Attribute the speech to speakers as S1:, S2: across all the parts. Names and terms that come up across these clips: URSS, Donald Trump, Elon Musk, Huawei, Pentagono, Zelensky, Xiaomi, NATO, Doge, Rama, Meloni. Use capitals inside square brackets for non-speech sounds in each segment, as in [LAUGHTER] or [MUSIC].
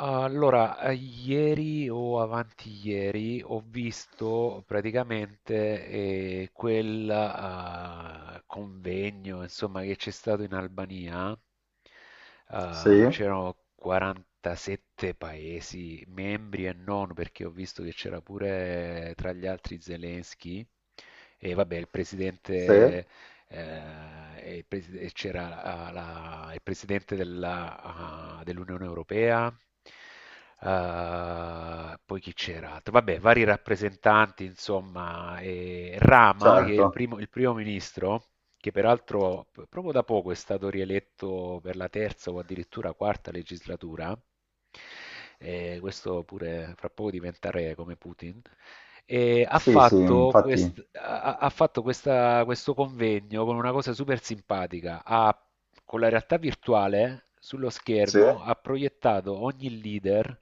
S1: Allora, ieri o avanti ieri ho visto praticamente quel convegno, insomma, che c'è stato in Albania.
S2: Sì,
S1: C'erano 47 paesi membri e non, perché ho visto che c'era pure tra gli altri Zelensky e vabbè, il
S2: sì,
S1: presidente eh, e c'era il presidente dell'Unione Europea. Poi chi c'era altro? Vabbè, vari rappresentanti, insomma, e Rama, che è il
S2: certo.
S1: primo, il primo ministro, che peraltro proprio da poco è stato rieletto per la terza o addirittura quarta legislatura, e questo pure fra poco diventerà re come Putin. E ha
S2: Sì, sì,
S1: fatto,
S2: infatti,
S1: quest- ha- ha fatto questa- questo convegno con una cosa super simpatica. Con la realtà virtuale sullo
S2: sì.
S1: schermo ha proiettato ogni leader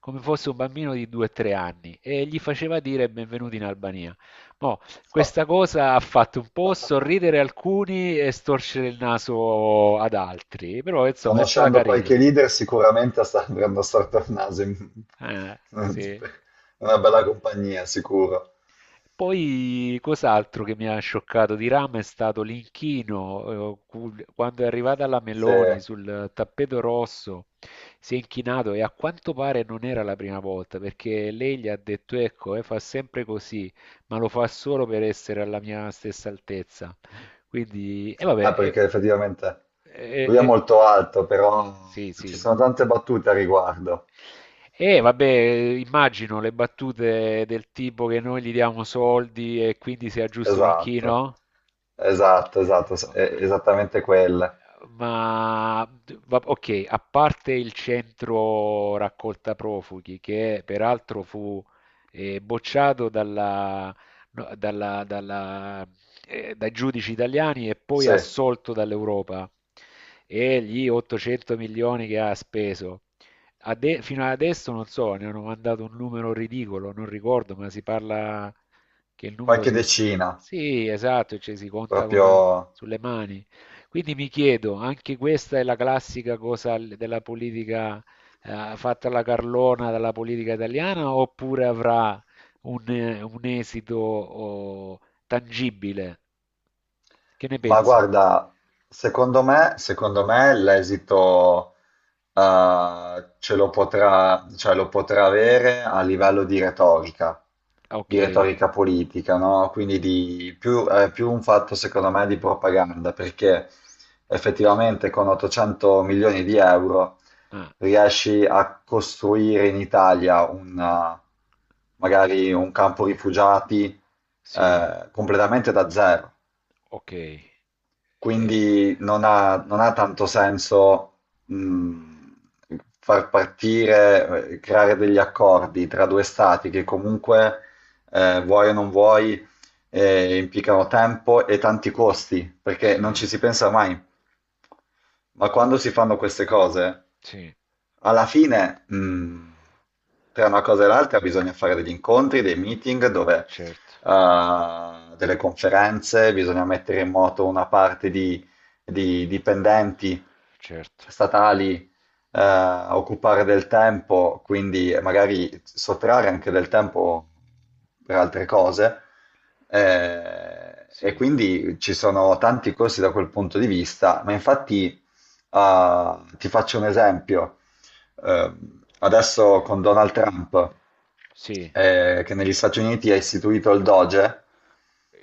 S1: come fosse un bambino di 2-3 anni e gli faceva dire benvenuti in Albania. Mo, questa cosa ha fatto un po'
S2: [LAUGHS]
S1: sorridere alcuni e storcere il naso ad altri, però insomma è stata
S2: Conoscendo
S1: carina.
S2: qualche leader sicuramente sta andando a storto il naso. [LAUGHS]
S1: Sì.
S2: Una bella compagnia, sicuro.
S1: Poi cos'altro che mi ha scioccato di Rame è stato l'inchino, quando è arrivata la Meloni
S2: Se...
S1: sul tappeto rosso, si è inchinato e a quanto pare non era la prima volta, perché lei gli ha detto, ecco, fa sempre così, ma lo fa solo per essere alla mia stessa altezza. Quindi, e vabbè,
S2: Ah, perché effettivamente
S1: eh,
S2: lui è
S1: eh,
S2: molto alto, però
S1: sì,
S2: ci
S1: sì.
S2: sono tante battute a riguardo.
S1: E vabbè, immagino le battute del tipo che noi gli diamo soldi e quindi sia giusto
S2: Esatto,
S1: l'inchino.
S2: esatto, esatto, è esattamente quelle.
S1: Ok, a parte il centro raccolta profughi, che peraltro fu bocciato no, dai giudici italiani e poi
S2: Sì,
S1: assolto dall'Europa, e gli 800 milioni che ha speso. Fino ad adesso non so, ne hanno mandato un numero ridicolo, non ricordo, ma si parla che il numero
S2: qualche
S1: si.
S2: decina,
S1: Sì, esatto, cioè si conta
S2: proprio...
S1: sulle mani. Quindi mi chiedo, anche questa è la classica della politica fatta alla carlona dalla politica italiana, oppure avrà un esito tangibile? Che ne
S2: Ma
S1: pensi?
S2: guarda, secondo me l'esito ce lo potrà, cioè lo potrà avere a livello
S1: Ah, ok,
S2: di retorica politica, no? Quindi di più, è più un fatto, secondo me, di propaganda, perché effettivamente con 800 milioni di euro
S1: ah,
S2: riesci a costruire in Italia un, magari un campo rifugiati
S1: sì,
S2: completamente da zero.
S1: ok. Eh,
S2: Quindi non ha tanto senso mh, far partire, creare degli accordi tra due stati che comunque, vuoi o non vuoi, implicano tempo e tanti costi, perché
S1: sì,
S2: non ci si pensa mai. Ma quando si fanno queste cose,
S1: sì,
S2: alla fine, tra una cosa e l'altra bisogna fare degli incontri, dei meeting, dove,
S1: certo,
S2: delle conferenze, bisogna mettere in moto una parte di dipendenti
S1: certo,
S2: statali, eh, occupare del tempo, quindi magari sottrarre anche del tempo per altre cose. E
S1: sì,
S2: quindi ci sono tanti corsi da quel punto di vista, ma infatti ti faccio un esempio. Eh, adesso con Donald Trump,
S1: sì.
S2: che negli Stati Uniti ha istituito il Doge,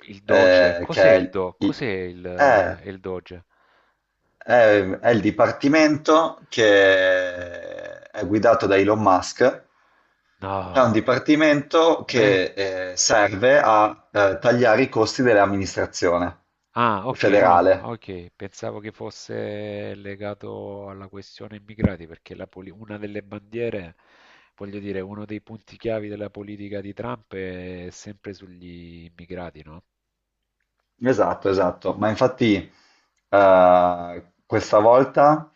S1: Il Doge,
S2: che
S1: cos'è
S2: è
S1: il Do? Cos'è il,
S2: eh,
S1: eh, il Doge?
S2: è, è il dipartimento che è guidato da Elon Musk. È un
S1: No.
S2: dipartimento
S1: Beh,
S2: che serve a tagliare i costi dell'amministrazione
S1: ah, ok, no,
S2: federale.
S1: ok, pensavo che fosse legato alla questione immigrati, perché una delle bandiere, voglio dire, uno dei punti chiavi della politica di Trump è sempre sugli immigrati, no?
S2: Esatto, esatto, ma infatti questa volta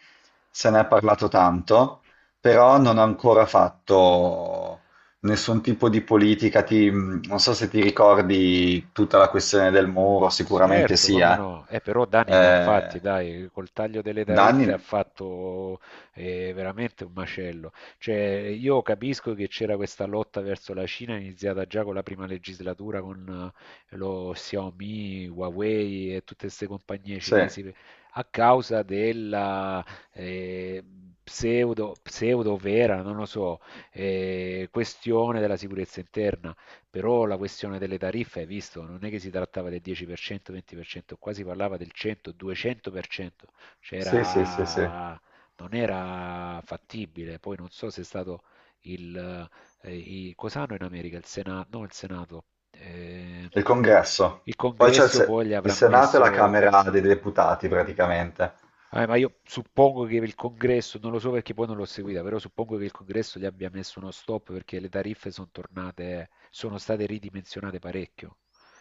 S2: se ne è parlato tanto, però non ha ancora fatto nessun tipo di politica, non so se ti ricordi tutta la
S1: Su-
S2: questione del muro, sicuramente
S1: Certo,
S2: sì,
S1: come
S2: eh.
S1: no? Però Dani ne ha fatti,
S2: Eh,
S1: dai, col taglio delle
S2: da
S1: tariffe ha
S2: anni...
S1: fatto veramente un macello. Cioè, io capisco che c'era questa lotta verso la Cina iniziata già con la prima legislatura con lo Xiaomi, Huawei e tutte queste compagnie
S2: Sì,
S1: cinesi a causa della eh, pseudo vera, non lo so, questione della sicurezza interna, però la questione delle tariffe, hai visto, non è che si trattava del 10%, 20%, qua si parlava del 100, 200%, cioè
S2: sì, sì, sì, sì.
S1: era- non era fattibile. Poi non so se è stato il... cos'hanno in America? Il Senato, no, il Senato. eh,
S2: Il congresso.
S1: il
S2: Poi c'è il,
S1: congresso
S2: Se-
S1: poi gli
S2: il
S1: avrà
S2: Senato e la
S1: messo.
S2: Camera dei Deputati praticamente.
S1: Ma io suppongo che il congresso, non lo so perché poi non l'ho seguita, però suppongo che il congresso gli abbia messo uno stop perché le tariffe sono tornate, sono state ridimensionate parecchio,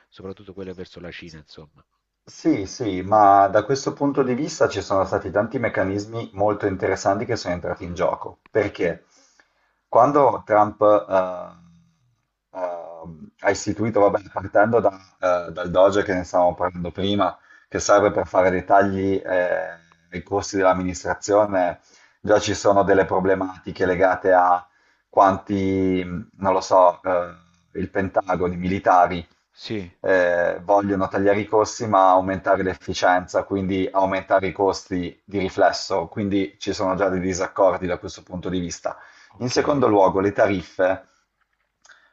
S1: soprattutto quelle verso la Cina, insomma.
S2: Sì, sì, ma da questo punto di vista ci sono stati tanti meccanismi molto interessanti che sono entrati in gioco, perché quando Trump ha istituito, vabbè, partendo da, dal Doge che ne stavamo parlando prima, che serve per fare dei tagli ai costi dell'amministrazione, già ci sono delle problematiche legate a quanti, non lo so, il Pentagono, i militari
S1: Sì,
S2: vogliono tagliare i costi ma aumentare l'efficienza, quindi aumentare i costi di riflesso, quindi ci sono già dei disaccordi da questo punto di vista. In
S1: ok.
S2: secondo luogo, le tariffe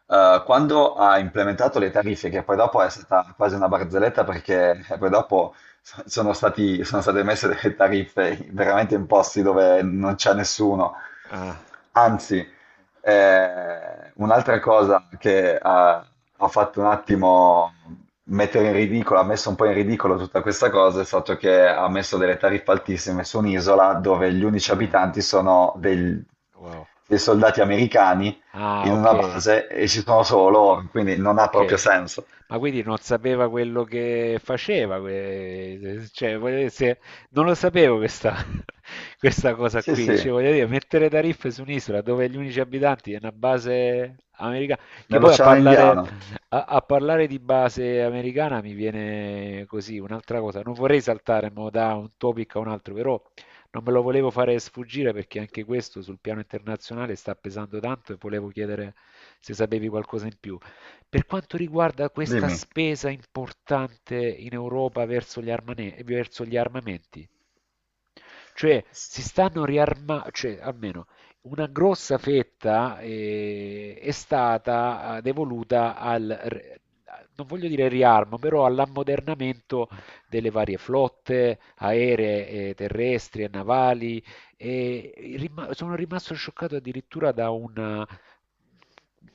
S2: quando ha implementato le tariffe, che poi dopo è stata quasi una barzelletta perché poi dopo sono state messe delle tariffe veramente in posti dove non c'è nessuno.
S1: Ah,
S2: Anzi, un'altra cosa che ha fatto un attimo mettere in ridicolo, ha messo un po' in ridicolo tutta questa cosa, è stato che ha messo delle tariffe altissime su un'isola dove gli unici
S1: ah,
S2: abitanti sono
S1: wow.
S2: dei soldati americani
S1: Ah,
S2: in
S1: ok.
S2: una base e ci sono solo loro, quindi non ha proprio
S1: Ok.
S2: senso.
S1: Ma quindi non sapeva quello che faceva, cioè, voglio dire, non lo sapevo questa, [LAUGHS] questa cosa
S2: Sì,
S1: qui,
S2: sì,
S1: cioè, voglio dire, mettere tariffe su un'isola dove gli unici abitanti è una base americana, che poi a
S2: nell'Oceano
S1: parlare,
S2: Indiano.
S1: a parlare di base americana mi viene così un'altra cosa, non vorrei saltare mo da un topic a un altro, però non me lo volevo fare sfuggire perché anche questo sul piano internazionale sta pesando tanto e volevo chiedere se sapevi qualcosa in più. Per quanto riguarda questa
S2: Dimmi.
S1: spesa importante in Europa verso gli armamenti, cioè
S2: S-
S1: si stanno riarma cioè almeno una grossa fetta, è stata, devoluta al r non voglio dire riarmo, però all'ammodernamento delle varie flotte aeree e terrestri e navali, e i rima sono rimasto scioccato addirittura da un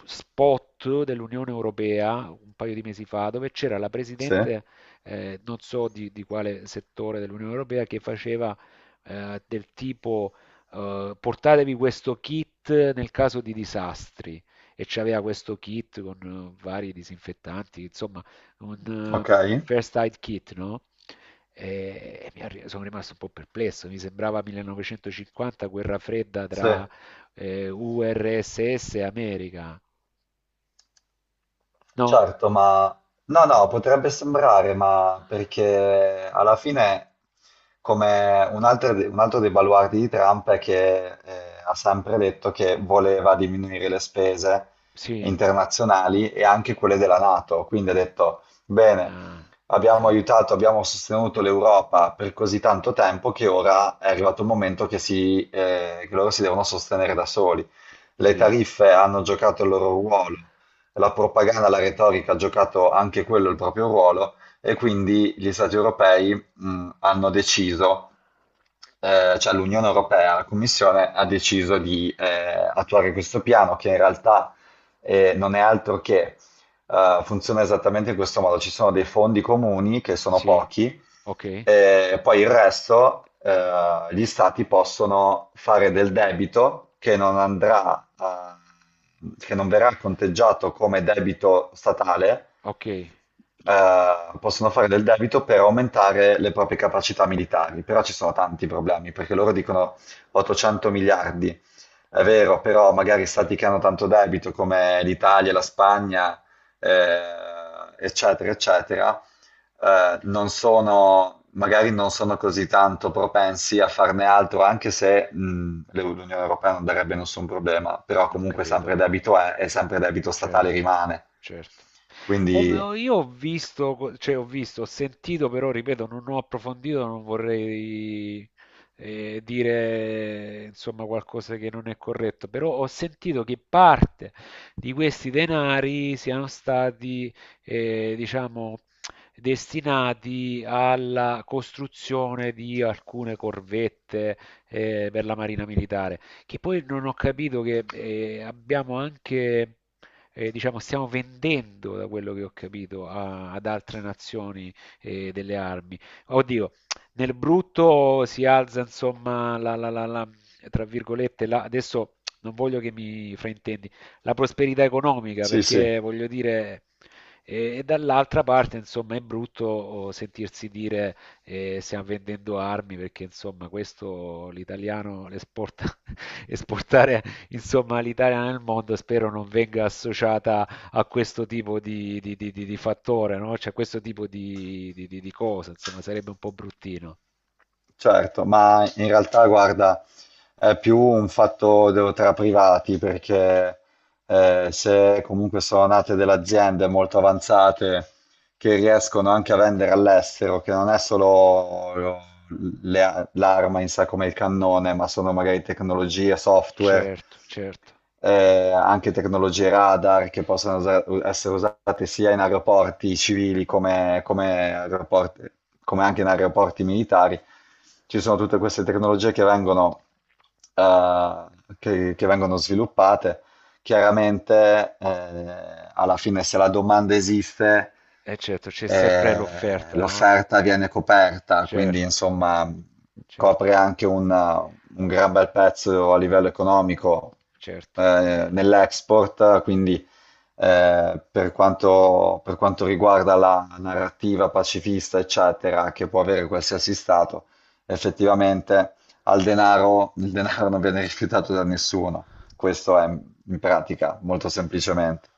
S1: spot dell'Unione Europea, un paio di mesi fa, dove c'era la
S2: Sì?
S1: presidente, non so di quale settore dell'Unione Europea, che faceva del tipo portatevi questo kit nel caso di disastri e c'aveva questo kit con vari disinfettanti, insomma, un
S2: Ok?
S1: first aid kit, no? E sono rimasto un po' perplesso, mi sembrava 1950, guerra fredda
S2: Sì.
S1: tra URSS e America. No?
S2: Certo, ma no, no, potrebbe sembrare, ma perché alla fine, come un altro, un altro dei baluardi di Trump è che ha sempre detto che voleva diminuire le spese
S1: Sì,
S2: internazionali e anche quelle della NATO, quindi ha detto, bene,
S1: ah, sì,
S2: abbiamo aiutato, abbiamo sostenuto l'Europa per così tanto tempo che ora è arrivato il momento che, si, che loro si devono sostenere da soli. Le
S1: sì,
S2: tariffe hanno giocato il loro ruolo, la propaganda, la retorica ha giocato anche quello il proprio ruolo, e quindi gli stati europei hanno deciso, cioè l'Unione Europea, la Commissione ha deciso di attuare questo piano che in realtà non è altro che funziona esattamente in questo modo. Ci sono dei fondi comuni che sono
S1: sì,
S2: pochi
S1: ok,
S2: e poi il resto, gli stati possono fare del debito che non andrà a- che non verrà conteggiato come debito statale,
S1: ok,
S2: possono fare del debito per aumentare le proprie capacità militari. Però ci sono tanti problemi, perché loro dicono 800 miliardi. È
S1: wow,
S2: vero, però magari
S1: ok,
S2: stati che hanno tanto debito come l'Italia, la Spagna, eh, eccetera, eccetera, non sono, magari non sono così tanto propensi a farne altro, anche se l'Unione Europea non darebbe nessun problema, però
S1: ho
S2: comunque
S1: capito.
S2: sempre debito è e sempre debito statale
S1: Certo,
S2: rimane.
S1: certo.
S2: Quindi
S1: Io ho visto, cioè ho visto, ho sentito, però ripeto, non ho approfondito, non vorrei dire insomma qualcosa che non è corretto, però ho sentito che parte di questi denari siano stati, diciamo, destinati alla costruzione di alcune corvette per la Marina Militare, che poi non ho capito che abbiamo anche diciamo, stiamo vendendo, da quello che ho capito, ad altre nazioni delle armi. Oddio, nel brutto si alza, insomma, tra virgolette, adesso non voglio che mi fraintendi, la prosperità economica,
S2: sì, sì.
S1: perché voglio dire. E dall'altra parte, insomma, è brutto sentirsi dire stiamo vendendo armi perché, insomma, questo l'italiano l'esporta [LAUGHS] esportare insomma l'Italia nel mondo spero non venga associata a questo tipo di fattore, no? Cioè a questo tipo di cosa, insomma sarebbe un po' bruttino.
S2: Certo, ma in realtà guarda, è più un fatto tra privati perché se comunque sono nate delle aziende molto avanzate che riescono anche a vendere all'estero, che non è solo l'arma in sé come il cannone, ma sono magari tecnologie, software,
S1: Certo, certo,
S2: anche tecnologie radar che possono essere usate sia in aeroporti civili come, come anche in aeroporti militari. Ci sono tutte queste tecnologie eh, che vengono sviluppate. Chiaramente, alla fine, se la domanda esiste,
S1: certo, c'è sempre l'offerta, no?
S2: l'offerta viene coperta, quindi
S1: Certo,
S2: insomma
S1: certo,
S2: copre anche un gran bel pezzo a livello economico
S1: certo.
S2: nell'export, quindi per quanto riguarda la narrativa pacifista, eccetera, che può avere qualsiasi Stato, effettivamente al denaro, il denaro non viene rifiutato da nessuno. Questo è in pratica, molto semplicemente.